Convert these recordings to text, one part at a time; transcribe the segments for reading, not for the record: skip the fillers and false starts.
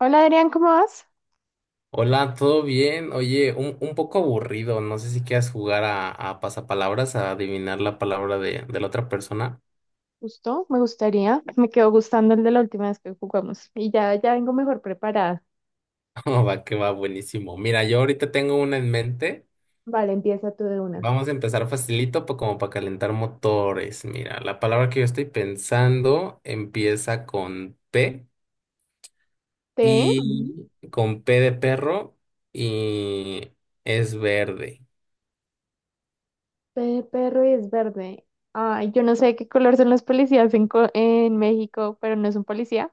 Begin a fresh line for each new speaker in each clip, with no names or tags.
Hola Adrián, ¿cómo vas?
Hola, ¿todo bien? Oye, un poco aburrido. No sé si quieras jugar a pasapalabras, a adivinar la palabra de la otra persona.
Justo, me gustaría. Me quedó gustando el de la última vez que jugamos. Y ya vengo mejor preparada.
Oh, va que va buenísimo. Mira, yo ahorita tengo una en mente.
Vale, empieza tú de una.
Vamos a empezar facilito, como para calentar motores. Mira, la palabra que yo estoy pensando empieza con P
T, ujú.
y con P de perro y es verde.
P de perro y es verde. Ay, yo no sé de qué color son los policías en, en México, pero no es un policía.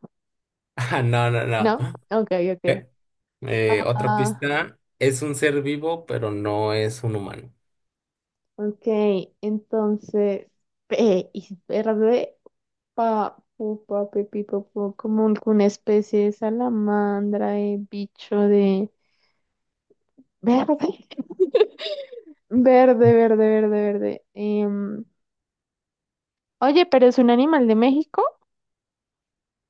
Ah, no, no,
¿No?
no.
Ok, ok.
Otra
Ah,
pista, es un ser vivo, pero no es un humano.
ok. Entonces, P y es verde. Pa, pu, pa, pe, pi, po, po, como una especie de salamandra, de bicho de verde. Verde, verde, verde, verde. Oye, pero es un animal de México.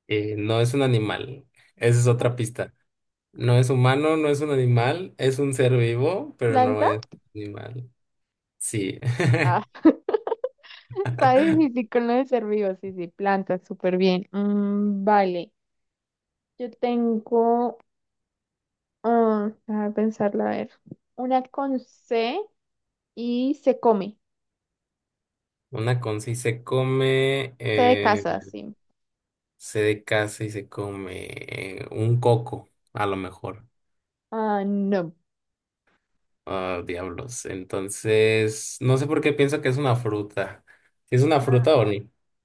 No es un animal. Esa es
¿Ah?
otra pista. No es humano, no es un animal, es un ser vivo, pero no
¿Planta?
es animal. Sí.
Ah, está difícil con lo de ser vivo. Sí, sí, planta, súper bien. Mm, vale, yo tengo. Ah, déjame pensarla, a ver. Una con C y se come.
Una con sí se come,
C de casa, sí.
se de casa y se come un coco, a lo mejor.
Ah, no.
Ah, diablos. Entonces, no sé por qué pienso que es una fruta. ¿Si es una
Ah,
fruta o no?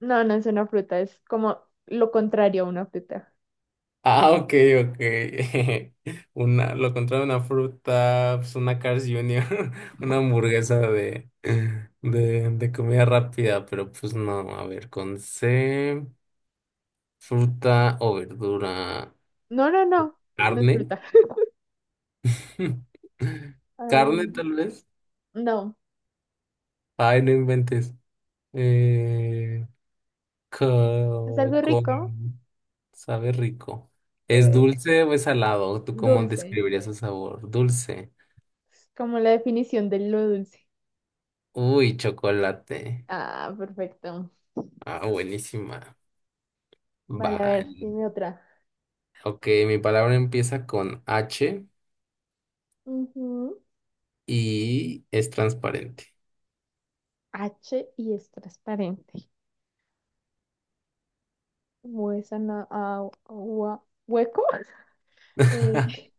no, no es una fruta, es como lo contrario a una fruta.
Ah, ok, ok. Una, lo contrario de una fruta, pues una Cars Junior, una hamburguesa de comida rápida, pero pues no, a ver, con C, fruta o verdura,
No, no, no, no es
carne,
fruta.
carne
Ah,
tal vez.
no,
Ay, no inventes. Eh,
es
co-
algo
con,
rico.
sabe rico. ¿Es
Sí.
dulce o es salado? ¿Tú cómo
Dulce.
describirías el sabor? Dulce.
Como la definición de lo dulce.
Uy, chocolate.
Ah, perfecto.
Ah, buenísima.
Vale, a ver,
Vale.
dime otra.
Ok, mi palabra empieza con H
Ujú.
y es transparente.
H y es transparente. Huesa na- ah, hua- hueco. Eh,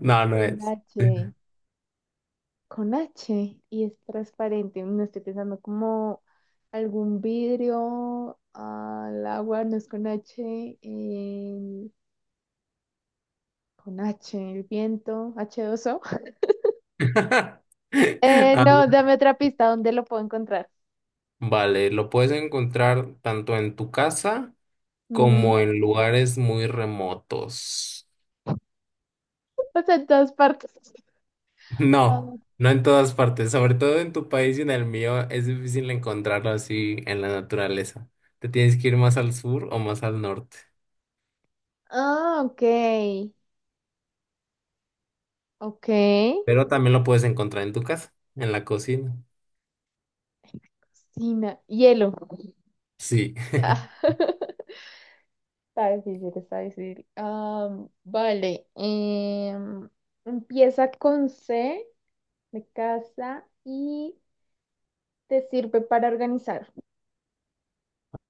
No, no
con
es.
H. Con H y es transparente. No estoy pensando como algún vidrio al agua, no es con H. Con H, el viento, h dos o…
Ah,
No, dame otra pista, ¿dónde lo puedo encontrar?
vale, lo puedes encontrar tanto en tu casa como en lugares muy remotos.
O sea, en todas partes.
No,
Ah,
no en todas partes, sobre todo en tu país y en el mío es difícil encontrarlo así en la naturaleza. Te tienes que ir más al sur o más al norte.
ah, ok. Ok.
Pero también lo puedes encontrar en tu casa, en la cocina.
Cocina. Hielo.
Sí.
Ah, está difícil, está difícil. Vale. Empieza con C de casa y te sirve para organizar.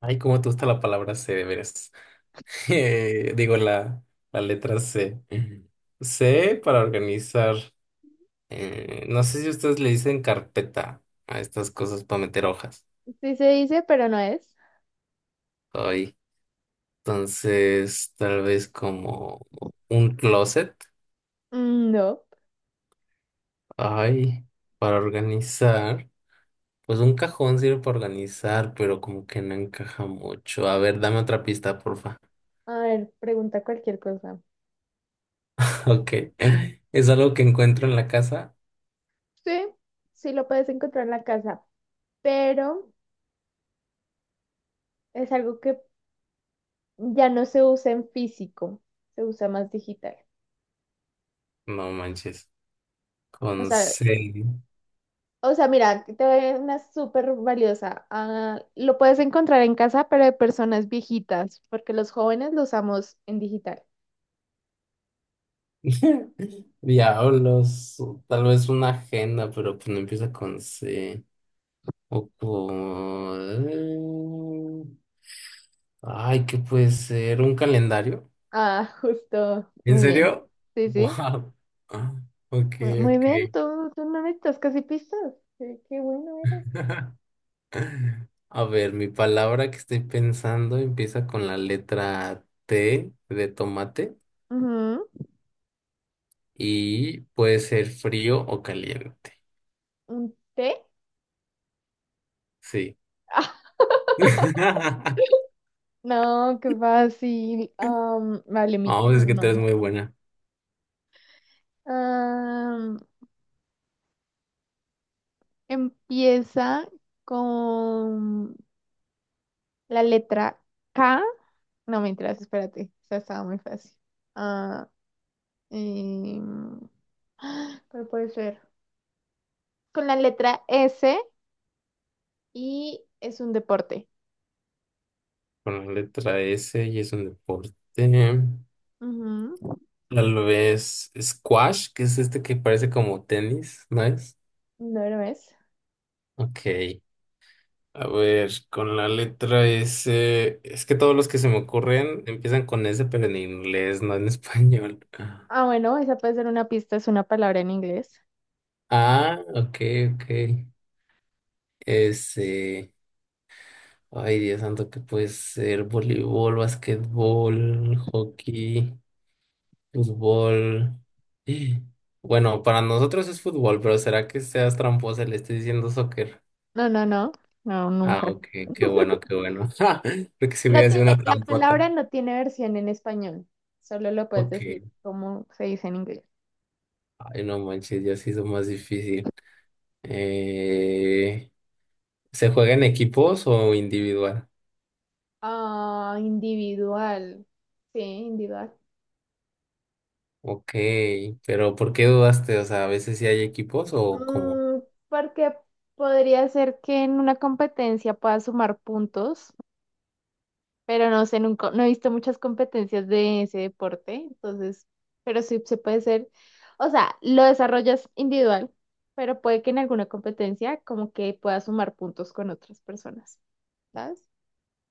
Ay, cómo te gusta la palabra C, de veras. Digo, la letra C. C para organizar. No sé si ustedes le dicen carpeta a estas cosas para meter hojas.
Sí se dice, pero no es.
Ay, entonces, tal vez como un closet.
Mm, no.
Ay, para organizar. Pues un cajón sirve para organizar, pero como que no encaja mucho. A ver, dame otra pista, porfa.
A ver, pregunta cualquier cosa.
Ok. Es algo que encuentro en la casa.
Sí, sí lo puedes encontrar en la casa, pero es algo que ya no se usa en físico, se usa más digital.
No manches.
O
Con
sea,
C.
o sea, mira, aquí te doy una súper valiosa. Ah, lo puedes encontrar en casa, pero de personas viejitas, porque los jóvenes lo usamos en digital.
Diablos. O tal vez una agenda, pero pues no empieza con C. O con... Ay, ¿qué puede ser? ¿Un calendario?
Ah, justo.
¿En
Muy bien.
serio?
Sí, sí.
Wow. Ok,
Muy
ok.
bien, tú no necesitas casi pistas. Qué bueno eres.
A ver, mi palabra que estoy pensando empieza con la letra T de tomate.
Ujú.
Y puede ser frío o caliente.
¿Un té?
Sí.
Ah, no, qué fácil. Vale, mi
Vamos, es que tú
turno.
eres muy buena
Empieza con la letra K. No, mentiras, espérate. Esa estaba muy fácil. Ah, em, ¿cuál puede ser? Con la letra S y es un deporte.
con la letra S y es un deporte.
Ujú.
Tal vez squash, que es este que parece como tenis, ¿no es?
No lo es.
Ok. A ver, con la letra S, es que todos los que se me ocurren empiezan con S, pero en inglés, no en español.
Ah, bueno, esa puede ser una pista, es una palabra en inglés.
Ah, ok, ok. S. Ay, Dios santo, que puede ser voleibol, basquetbol, hockey, fútbol. Bueno, para nosotros es fútbol, pero ¿será que seas tramposa? Y le estés diciendo soccer.
No, no, no. No,
Ah,
nunca.
ok, qué bueno, qué bueno. Porque si
No
hubiera sido
tiene,
una
la
trampota.
palabra no tiene versión en español. Solo lo puedes decir
Ok.
como se dice en inglés.
Ay, no manches, ya se hizo más difícil. Eh, ¿Se juega en equipos o individual?
Ah, individual. Sí, individual.
Ok, pero ¿por qué dudaste? O sea, ¿a veces sí hay equipos o cómo?
Mm, porque podría ser que en una competencia pueda sumar puntos, pero no sé, nunca, no he visto muchas competencias de ese deporte, entonces, pero sí se puede ser, o sea, lo desarrollas individual, pero puede que en alguna competencia como que pueda sumar puntos con otras personas, ¿sabes?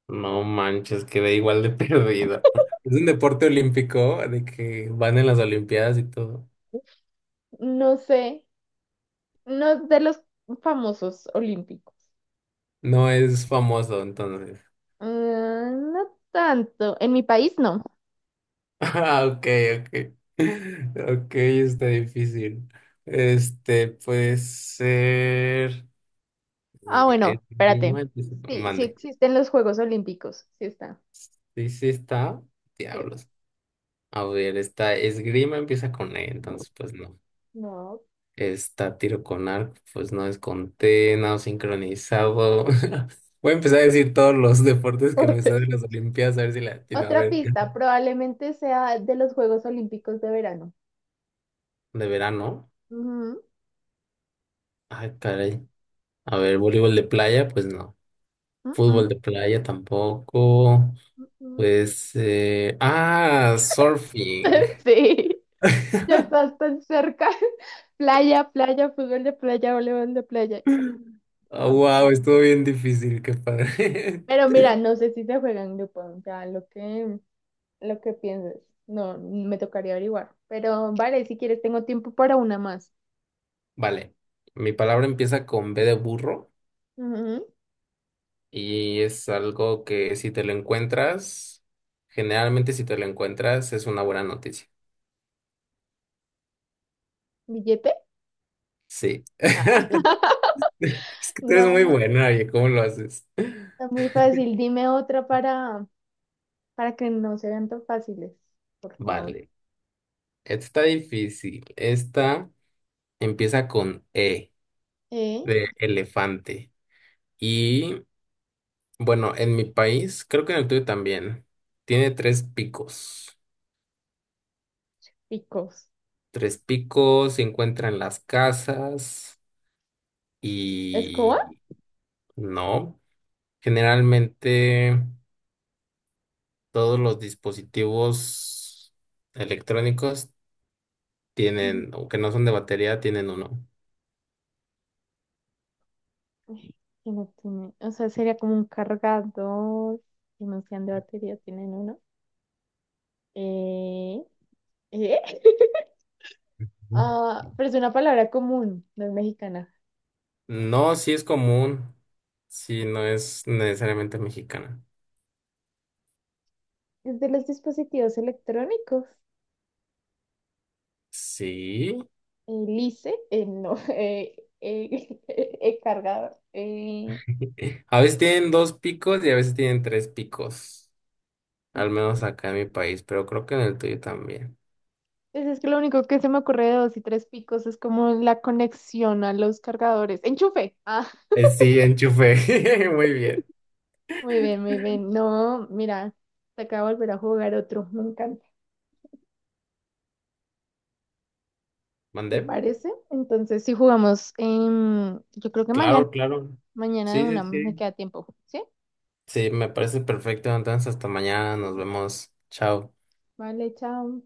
No manches, quedé igual de perdida. Es un deporte olímpico de que van en las Olimpiadas y todo.
No sé, no es de los famosos olímpicos.
No es famoso, entonces.
Ah, no tanto, en mi país no.
Ah, ok, ok. Ok, está difícil. Este, puede ser.
Ah,
Mm,
bueno, espérate.
esgrima,
Sí, sí
mande.
existen los Juegos Olímpicos. Sí está.
Sí, sí está.
Sí.
Diablos. A ver, esta esgrima empieza con E, entonces, pues no.
No,
Está tiro con arco, pues no desconté, nado sincronizado. Voy a empezar a decir todos los deportes que me están
deportes.
en las Olimpiadas, a ver si la atino. A
Otra
ver,
pista, probablemente sea de los Juegos Olímpicos de verano.
de verano.
Ujú,
Ay, caray. A ver, voleibol de playa, pues no.
ujú,
Fútbol de playa tampoco.
ujú.
Pues, ah, surfing.
Sí, ya estás tan cerca. Playa, playa, fútbol de playa, voleibol de playa. Claro.
Wow, estuvo bien difícil, qué padre.
Pero mira, no sé si se juega en grupo, o sea, lo que pienses. No, me tocaría averiguar. Pero vale, si quieres, tengo tiempo para una más.
Vale, mi palabra empieza con B de burro.
Ujú.
Y es algo que si te lo encuentras, generalmente si te lo encuentras es una buena noticia.
¿Billete?
Sí. Es que tú eres muy
No,
buena, oye, ¿cómo lo haces?
está muy fácil. Dime otra para que no se vean tan fáciles, por favor.
Vale. Esta está difícil. Esta empieza con E
¿Eh?
de elefante. Y bueno, en mi país, creo que en el tuyo también, tiene tres picos.
Picos.
Tres picos se encuentran en las casas
¿Escoba?
y no. Generalmente. Todos los dispositivos electrónicos
Ujú.
tienen, o que no son de batería, tienen uno.
Ay, que no tiene, o sea, sería como un cargador. Que no sean de batería, tienen uno. ¿Eh? ¿Eh?
Ujú.
Ah, pero es una palabra común, no es mexicana.
No, sí es común, sí, no es necesariamente mexicana.
Es de los dispositivos electrónicos.
Sí,
El ICE, no, cargador.
a veces tienen dos picos y a veces tienen tres picos, al menos acá en mi país, pero creo que en el tuyo también.
Pues es que lo único que se me ocurre de dos y tres picos es como la conexión a los cargadores. ¡Enchufe! Ah,
Sí, enchufe, muy bien.
muy bien, muy bien. No, mira, te acabo de volver a jugar otro. Me encanta.
¿Mandé?
¿Te parece? Entonces, si jugamos, yo creo que mañana,
Claro, claro.
mañana de
Sí, sí,
una me
sí.
queda tiempo. ¿Sí?
Sí, me parece perfecto. Entonces, hasta mañana, nos vemos. Chao.
Vale, chao.